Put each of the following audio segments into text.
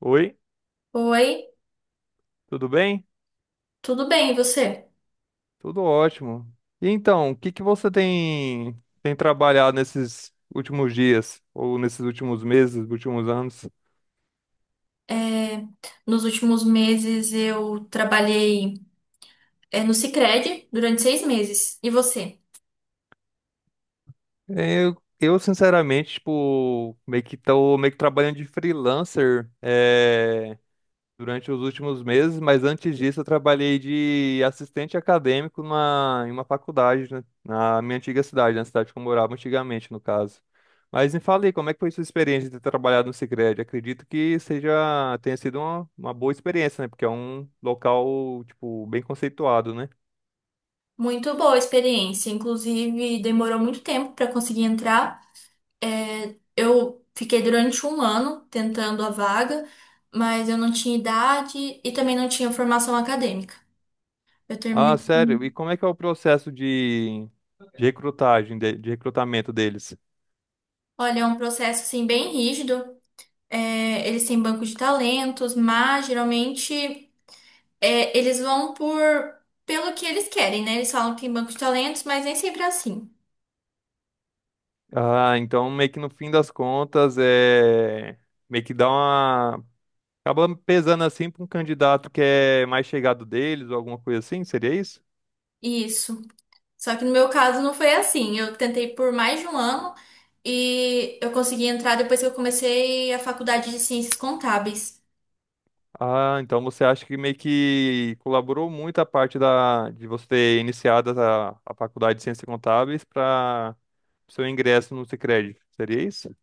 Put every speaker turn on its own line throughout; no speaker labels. Oi,
Oi,
tudo bem?
tudo bem, e você?
Tudo ótimo. E então, o que que você tem trabalhado nesses últimos dias ou nesses últimos meses, últimos anos?
É, Nos últimos meses eu trabalhei, no Sicredi durante 6 meses. E você?
Eu sinceramente, tipo, meio que tô meio que trabalhando de freelancer, durante os últimos meses, mas antes disso eu trabalhei de assistente acadêmico em uma faculdade, né, na minha antiga cidade, na cidade que eu morava antigamente, no caso. Mas me fale aí, como é que foi sua experiência de ter trabalhado no Sicredi? Acredito que tenha sido uma boa experiência, né? Porque é um local, tipo, bem conceituado, né?
Muito boa a experiência, inclusive demorou muito tempo para conseguir entrar. Eu fiquei durante um ano tentando a vaga, mas eu não tinha idade e também não tinha formação acadêmica. Eu
Ah,
terminei.
sério, e como é que é o processo de recrutamento deles?
Olha, é um processo assim bem rígido. Eles têm banco de talentos, mas geralmente, eles vão por pelo que eles querem, né? Eles falam que tem banco de talentos, mas nem sempre é assim.
Ah, então meio que no fim das contas é meio que dá uma Acaba pesando assim para um candidato que é mais chegado deles ou alguma coisa assim, seria isso?
Isso. Só que no meu caso não foi assim. Eu tentei por mais de um ano e eu consegui entrar depois que eu comecei a faculdade de Ciências Contábeis.
Ah, então você acha que meio que colaborou muito a parte de você ter iniciado a faculdade de Ciências Contábeis para seu ingresso no Sicredi, seria isso?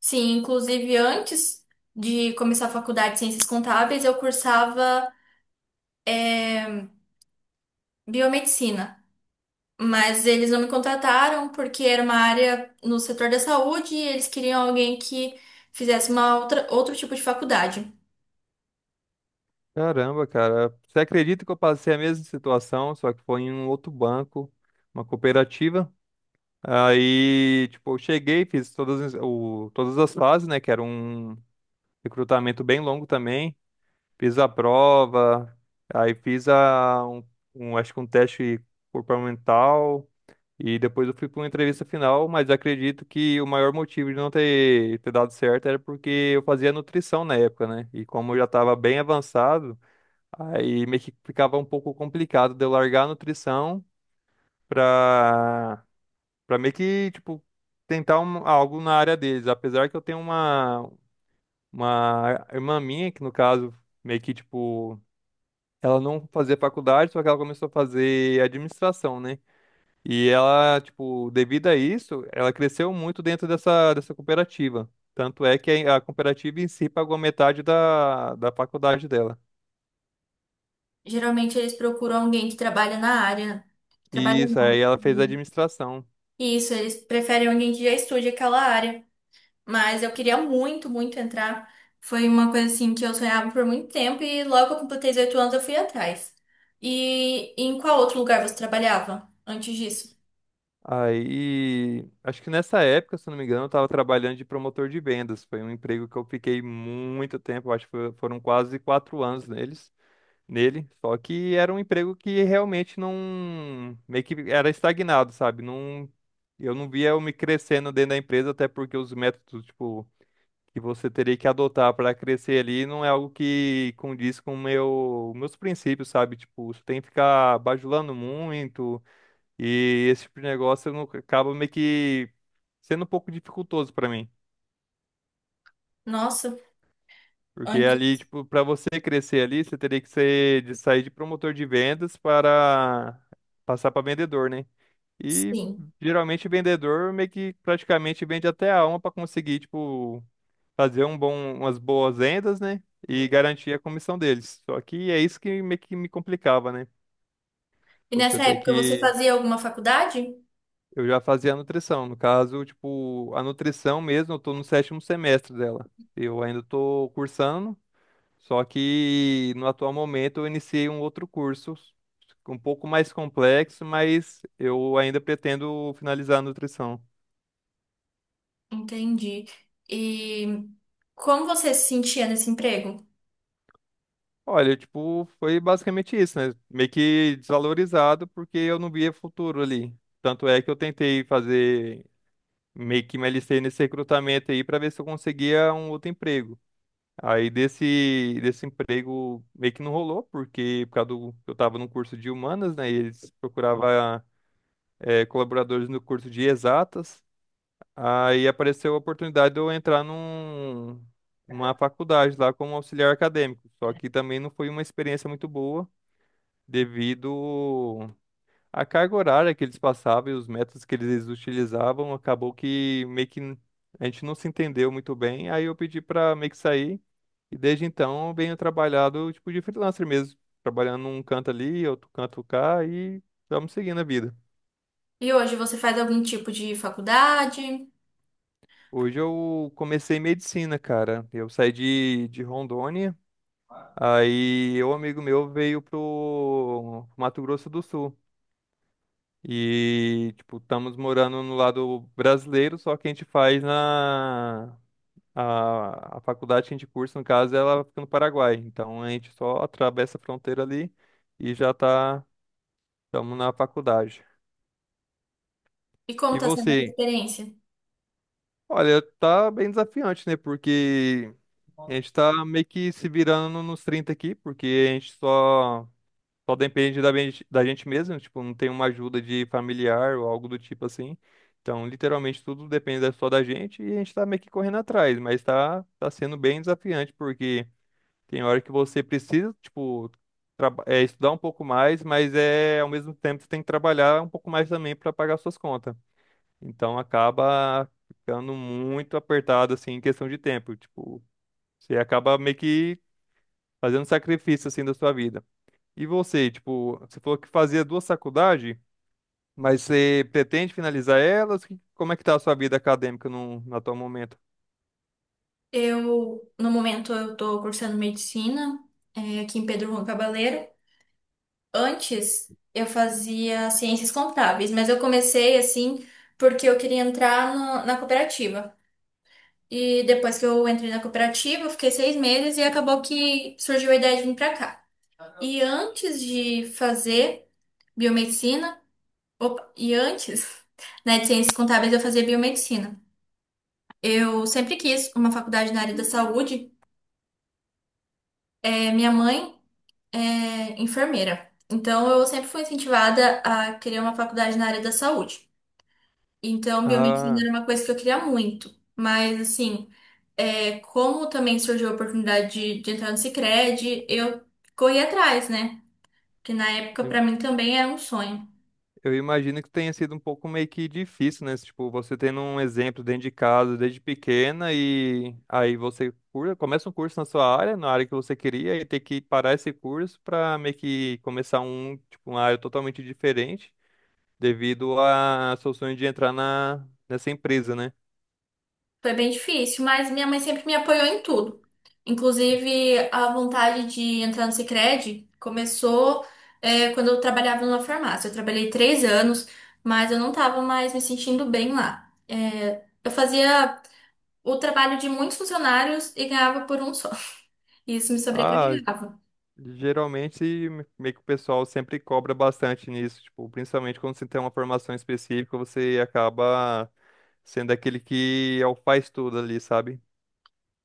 Sim, inclusive antes de começar a faculdade de Ciências Contábeis, eu cursava, é, biomedicina. Mas eles não me contrataram porque era uma área no setor da saúde e eles queriam alguém que fizesse outro tipo de faculdade.
Caramba, cara, você acredita que eu passei a mesma situação, só que foi em um outro banco, uma cooperativa? Aí, tipo, eu cheguei, fiz todas as fases, né? Que era um recrutamento bem longo também. Fiz a prova, aí fiz acho que um teste comportamental e depois eu fui para uma entrevista final, mas acredito que o maior motivo de não ter dado certo era porque eu fazia nutrição na época, né? E como eu já estava bem avançado, aí meio que ficava um pouco complicado de eu largar a nutrição para para meio que, tipo, algo na área deles. Apesar que eu tenho uma irmã minha, que no caso meio que, tipo, ela não fazia faculdade, só que ela começou a fazer administração, né? E ela, tipo, devido a isso, ela cresceu muito dentro dessa cooperativa. Tanto é que a cooperativa em si pagou metade da faculdade dela.
Geralmente eles procuram alguém que trabalha na área. Trabalha
E isso,
não.
aí ela fez
E
administração.
isso, eles preferem alguém que já estude aquela área. Mas eu queria muito, muito entrar. Foi uma coisa assim que eu sonhava por muito tempo e logo que eu completei 18 anos eu fui atrás. E em qual outro lugar você trabalhava antes disso?
Aí, acho que nessa época, se eu não me engano, eu estava trabalhando de promotor de vendas. Foi um emprego que eu fiquei muito tempo, acho que foram quase 4 anos nele. Só que era um emprego que realmente não, meio que era estagnado, sabe? Não, eu não via eu me crescendo dentro da empresa, até porque os métodos, tipo, que você teria que adotar para crescer ali não é algo que condiz com meus princípios, sabe? Tipo, você tem que ficar bajulando muito e esse tipo de negócio não, acaba meio que sendo um pouco dificultoso para mim.
Nossa,
Porque ali,
antes.
tipo, para você crescer ali, você teria que ser de sair de promotor de vendas para passar para vendedor, né? E
Sim.
geralmente vendedor meio que praticamente vende até a alma para conseguir, tipo, fazer umas boas vendas, né? E garantir a comissão deles. Só que é isso que meio que me complicava, né?
E
Você
nessa
tem
época você
que.
fazia alguma faculdade?
Eu já fazia nutrição. No caso, tipo, a nutrição mesmo, eu tô no sétimo semestre dela. Eu ainda tô cursando. Só que no atual momento eu iniciei um outro curso um pouco mais complexo, mas eu ainda pretendo finalizar a nutrição.
Entendi. E como você se sentia nesse emprego?
Olha, tipo, foi basicamente isso, né? Meio que desvalorizado porque eu não via futuro ali. Tanto é que eu tentei fazer, meio que me alistei nesse recrutamento aí para ver se eu conseguia um outro emprego. Aí desse emprego meio que não rolou, porque eu tava num curso de humanas, né? E eles procuravam colaboradores no curso de exatas. Aí apareceu a oportunidade de eu entrar numa faculdade lá como auxiliar acadêmico. Só que também não foi uma experiência muito boa devido à carga horária que eles passavam e os métodos que eles utilizavam. Acabou que meio que a gente não se entendeu muito bem. Aí eu pedi para meio que sair. E desde então eu venho trabalhado tipo de freelancer mesmo. Trabalhando um canto ali, outro canto cá e estamos seguindo a vida.
E hoje você faz algum tipo de faculdade?
Hoje eu comecei medicina, cara. Eu saí de Rondônia, aí um amigo meu veio pro Mato Grosso do Sul. E, tipo, estamos morando no lado brasileiro, só que a gente A faculdade que a gente cursa, no caso, ela fica no Paraguai. Então a gente só atravessa a fronteira ali e estamos na faculdade.
E como
E
está sendo essa
você?
experiência?
Olha, tá bem desafiante, né? Porque a gente tá meio que se virando nos 30 aqui, porque a gente só depende da gente mesmo, tipo, não tem uma ajuda de familiar ou algo do tipo assim. Então, literalmente, tudo depende só da gente e a gente tá meio que correndo atrás, mas tá sendo bem desafiante, porque tem hora que você precisa, tipo, estudar um pouco mais, mas é ao mesmo tempo você tem que trabalhar um pouco mais também para pagar suas contas. Então, acaba ficando muito apertado, assim, em questão de tempo, tipo. Você acaba meio que fazendo sacrifício assim da sua vida. E você, tipo, você falou que fazia duas faculdades, mas você pretende finalizar elas? Como é que tá a sua vida acadêmica no atual momento?
Eu, no momento, eu estou cursando medicina, aqui em Pedro Juan Cabaleiro. Antes, eu fazia ciências contábeis, mas eu comecei assim porque eu queria entrar na cooperativa. E depois que eu entrei na cooperativa, eu fiquei 6 meses e acabou que surgiu a ideia de vir para cá. E antes de fazer biomedicina, opa, e antes, né, de ciências contábeis, eu fazia biomedicina. Eu sempre quis uma faculdade na área da saúde. Minha mãe é enfermeira, então eu sempre fui incentivada a querer uma faculdade na área da saúde. Então, biomedicina
Ah,
era uma coisa que eu queria muito. Mas, assim, como também surgiu a oportunidade de entrar no Sicredi, eu corri atrás, né? Que na época,
eu
para mim, também era um sonho.
eu imagino que tenha sido um pouco meio que difícil, né? Tipo, você tendo um exemplo dentro de casa desde pequena e aí você começa um curso na sua área, na área que você queria, e ter que parar esse curso para meio que começar uma área totalmente diferente devido a seu sonho de entrar nessa empresa, né?
Foi bem difícil, mas minha mãe sempre me apoiou em tudo. Inclusive, a vontade de entrar no Sicredi começou, quando eu trabalhava numa farmácia. Eu trabalhei 3 anos, mas eu não estava mais me sentindo bem lá. Eu fazia o trabalho de muitos funcionários e ganhava por um só. E isso me
Ah,
sobrecarregava.
geralmente meio que o pessoal sempre cobra bastante nisso, tipo, principalmente quando você tem uma formação específica, você acaba sendo aquele que é o faz tudo ali, sabe?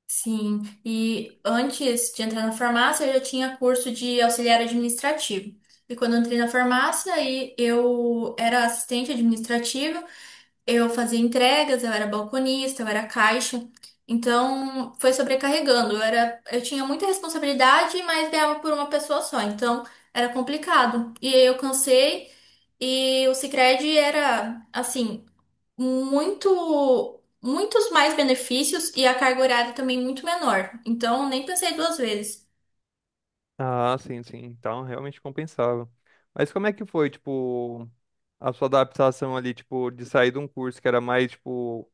Sim, e antes de entrar na farmácia, eu já tinha curso de auxiliar administrativo. E quando eu entrei na farmácia, aí eu era assistente administrativa. Eu fazia entregas, eu era balconista, eu era caixa. Então, foi sobrecarregando. Eu tinha muita responsabilidade, mas ganhava por uma pessoa só. Então, era complicado. E aí eu cansei e o Sicredi era assim, muitos mais benefícios e a carga horária também muito menor. Então, nem pensei duas vezes.
Ah, sim, sim. Então, realmente compensava. Mas como é que foi, tipo, a sua adaptação ali, tipo, de sair de um curso que era mais, tipo,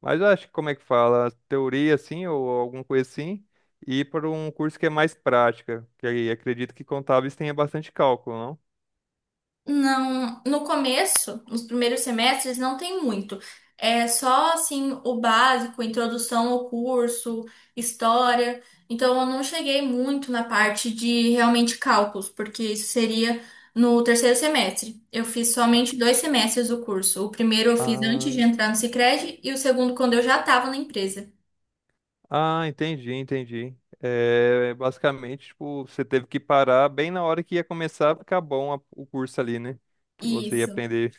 mas eu acho que como é que fala, teoria assim ou alguma coisa assim, e ir para um curso que é mais prática, que aí acredito que contábeis tenha bastante cálculo, não?
Não, no começo, nos primeiros semestres, não tem muito. É só assim o básico, introdução ao curso, história. Então eu não cheguei muito na parte de realmente cálculos, porque isso seria no terceiro semestre. Eu fiz somente 2 semestres do curso. O primeiro eu fiz antes
Ah,
de entrar no Sicredi e o segundo quando eu já estava na empresa.
Ah, entendi, entendi. É, basicamente, tipo, você teve que parar bem na hora que ia começar a ficar bom o curso ali, né? Que você ia
Isso.
aprender.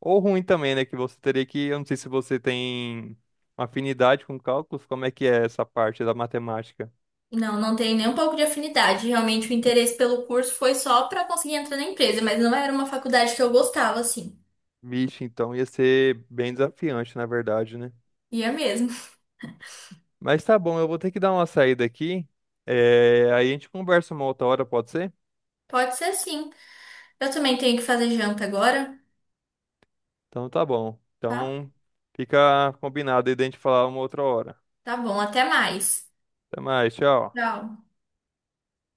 Ou ruim também, né? Que você teria que, eu não sei se você tem afinidade com cálculos, como é que é essa parte da matemática?
Não, não tem nem um pouco de afinidade. Realmente o interesse pelo curso foi só para conseguir entrar na empresa, mas não era uma faculdade que eu gostava assim.
Vixe, então ia ser bem desafiante, na verdade, né?
Ia mesmo.
Mas tá bom, eu vou ter que dar uma saída aqui. É, aí a gente conversa uma outra hora, pode ser?
Pode ser sim. Eu também tenho que fazer janta agora,
Então tá bom.
tá?
Então fica combinado aí de a gente falar uma outra hora.
Tá bom, até mais.
Até mais, tchau.
Tchau.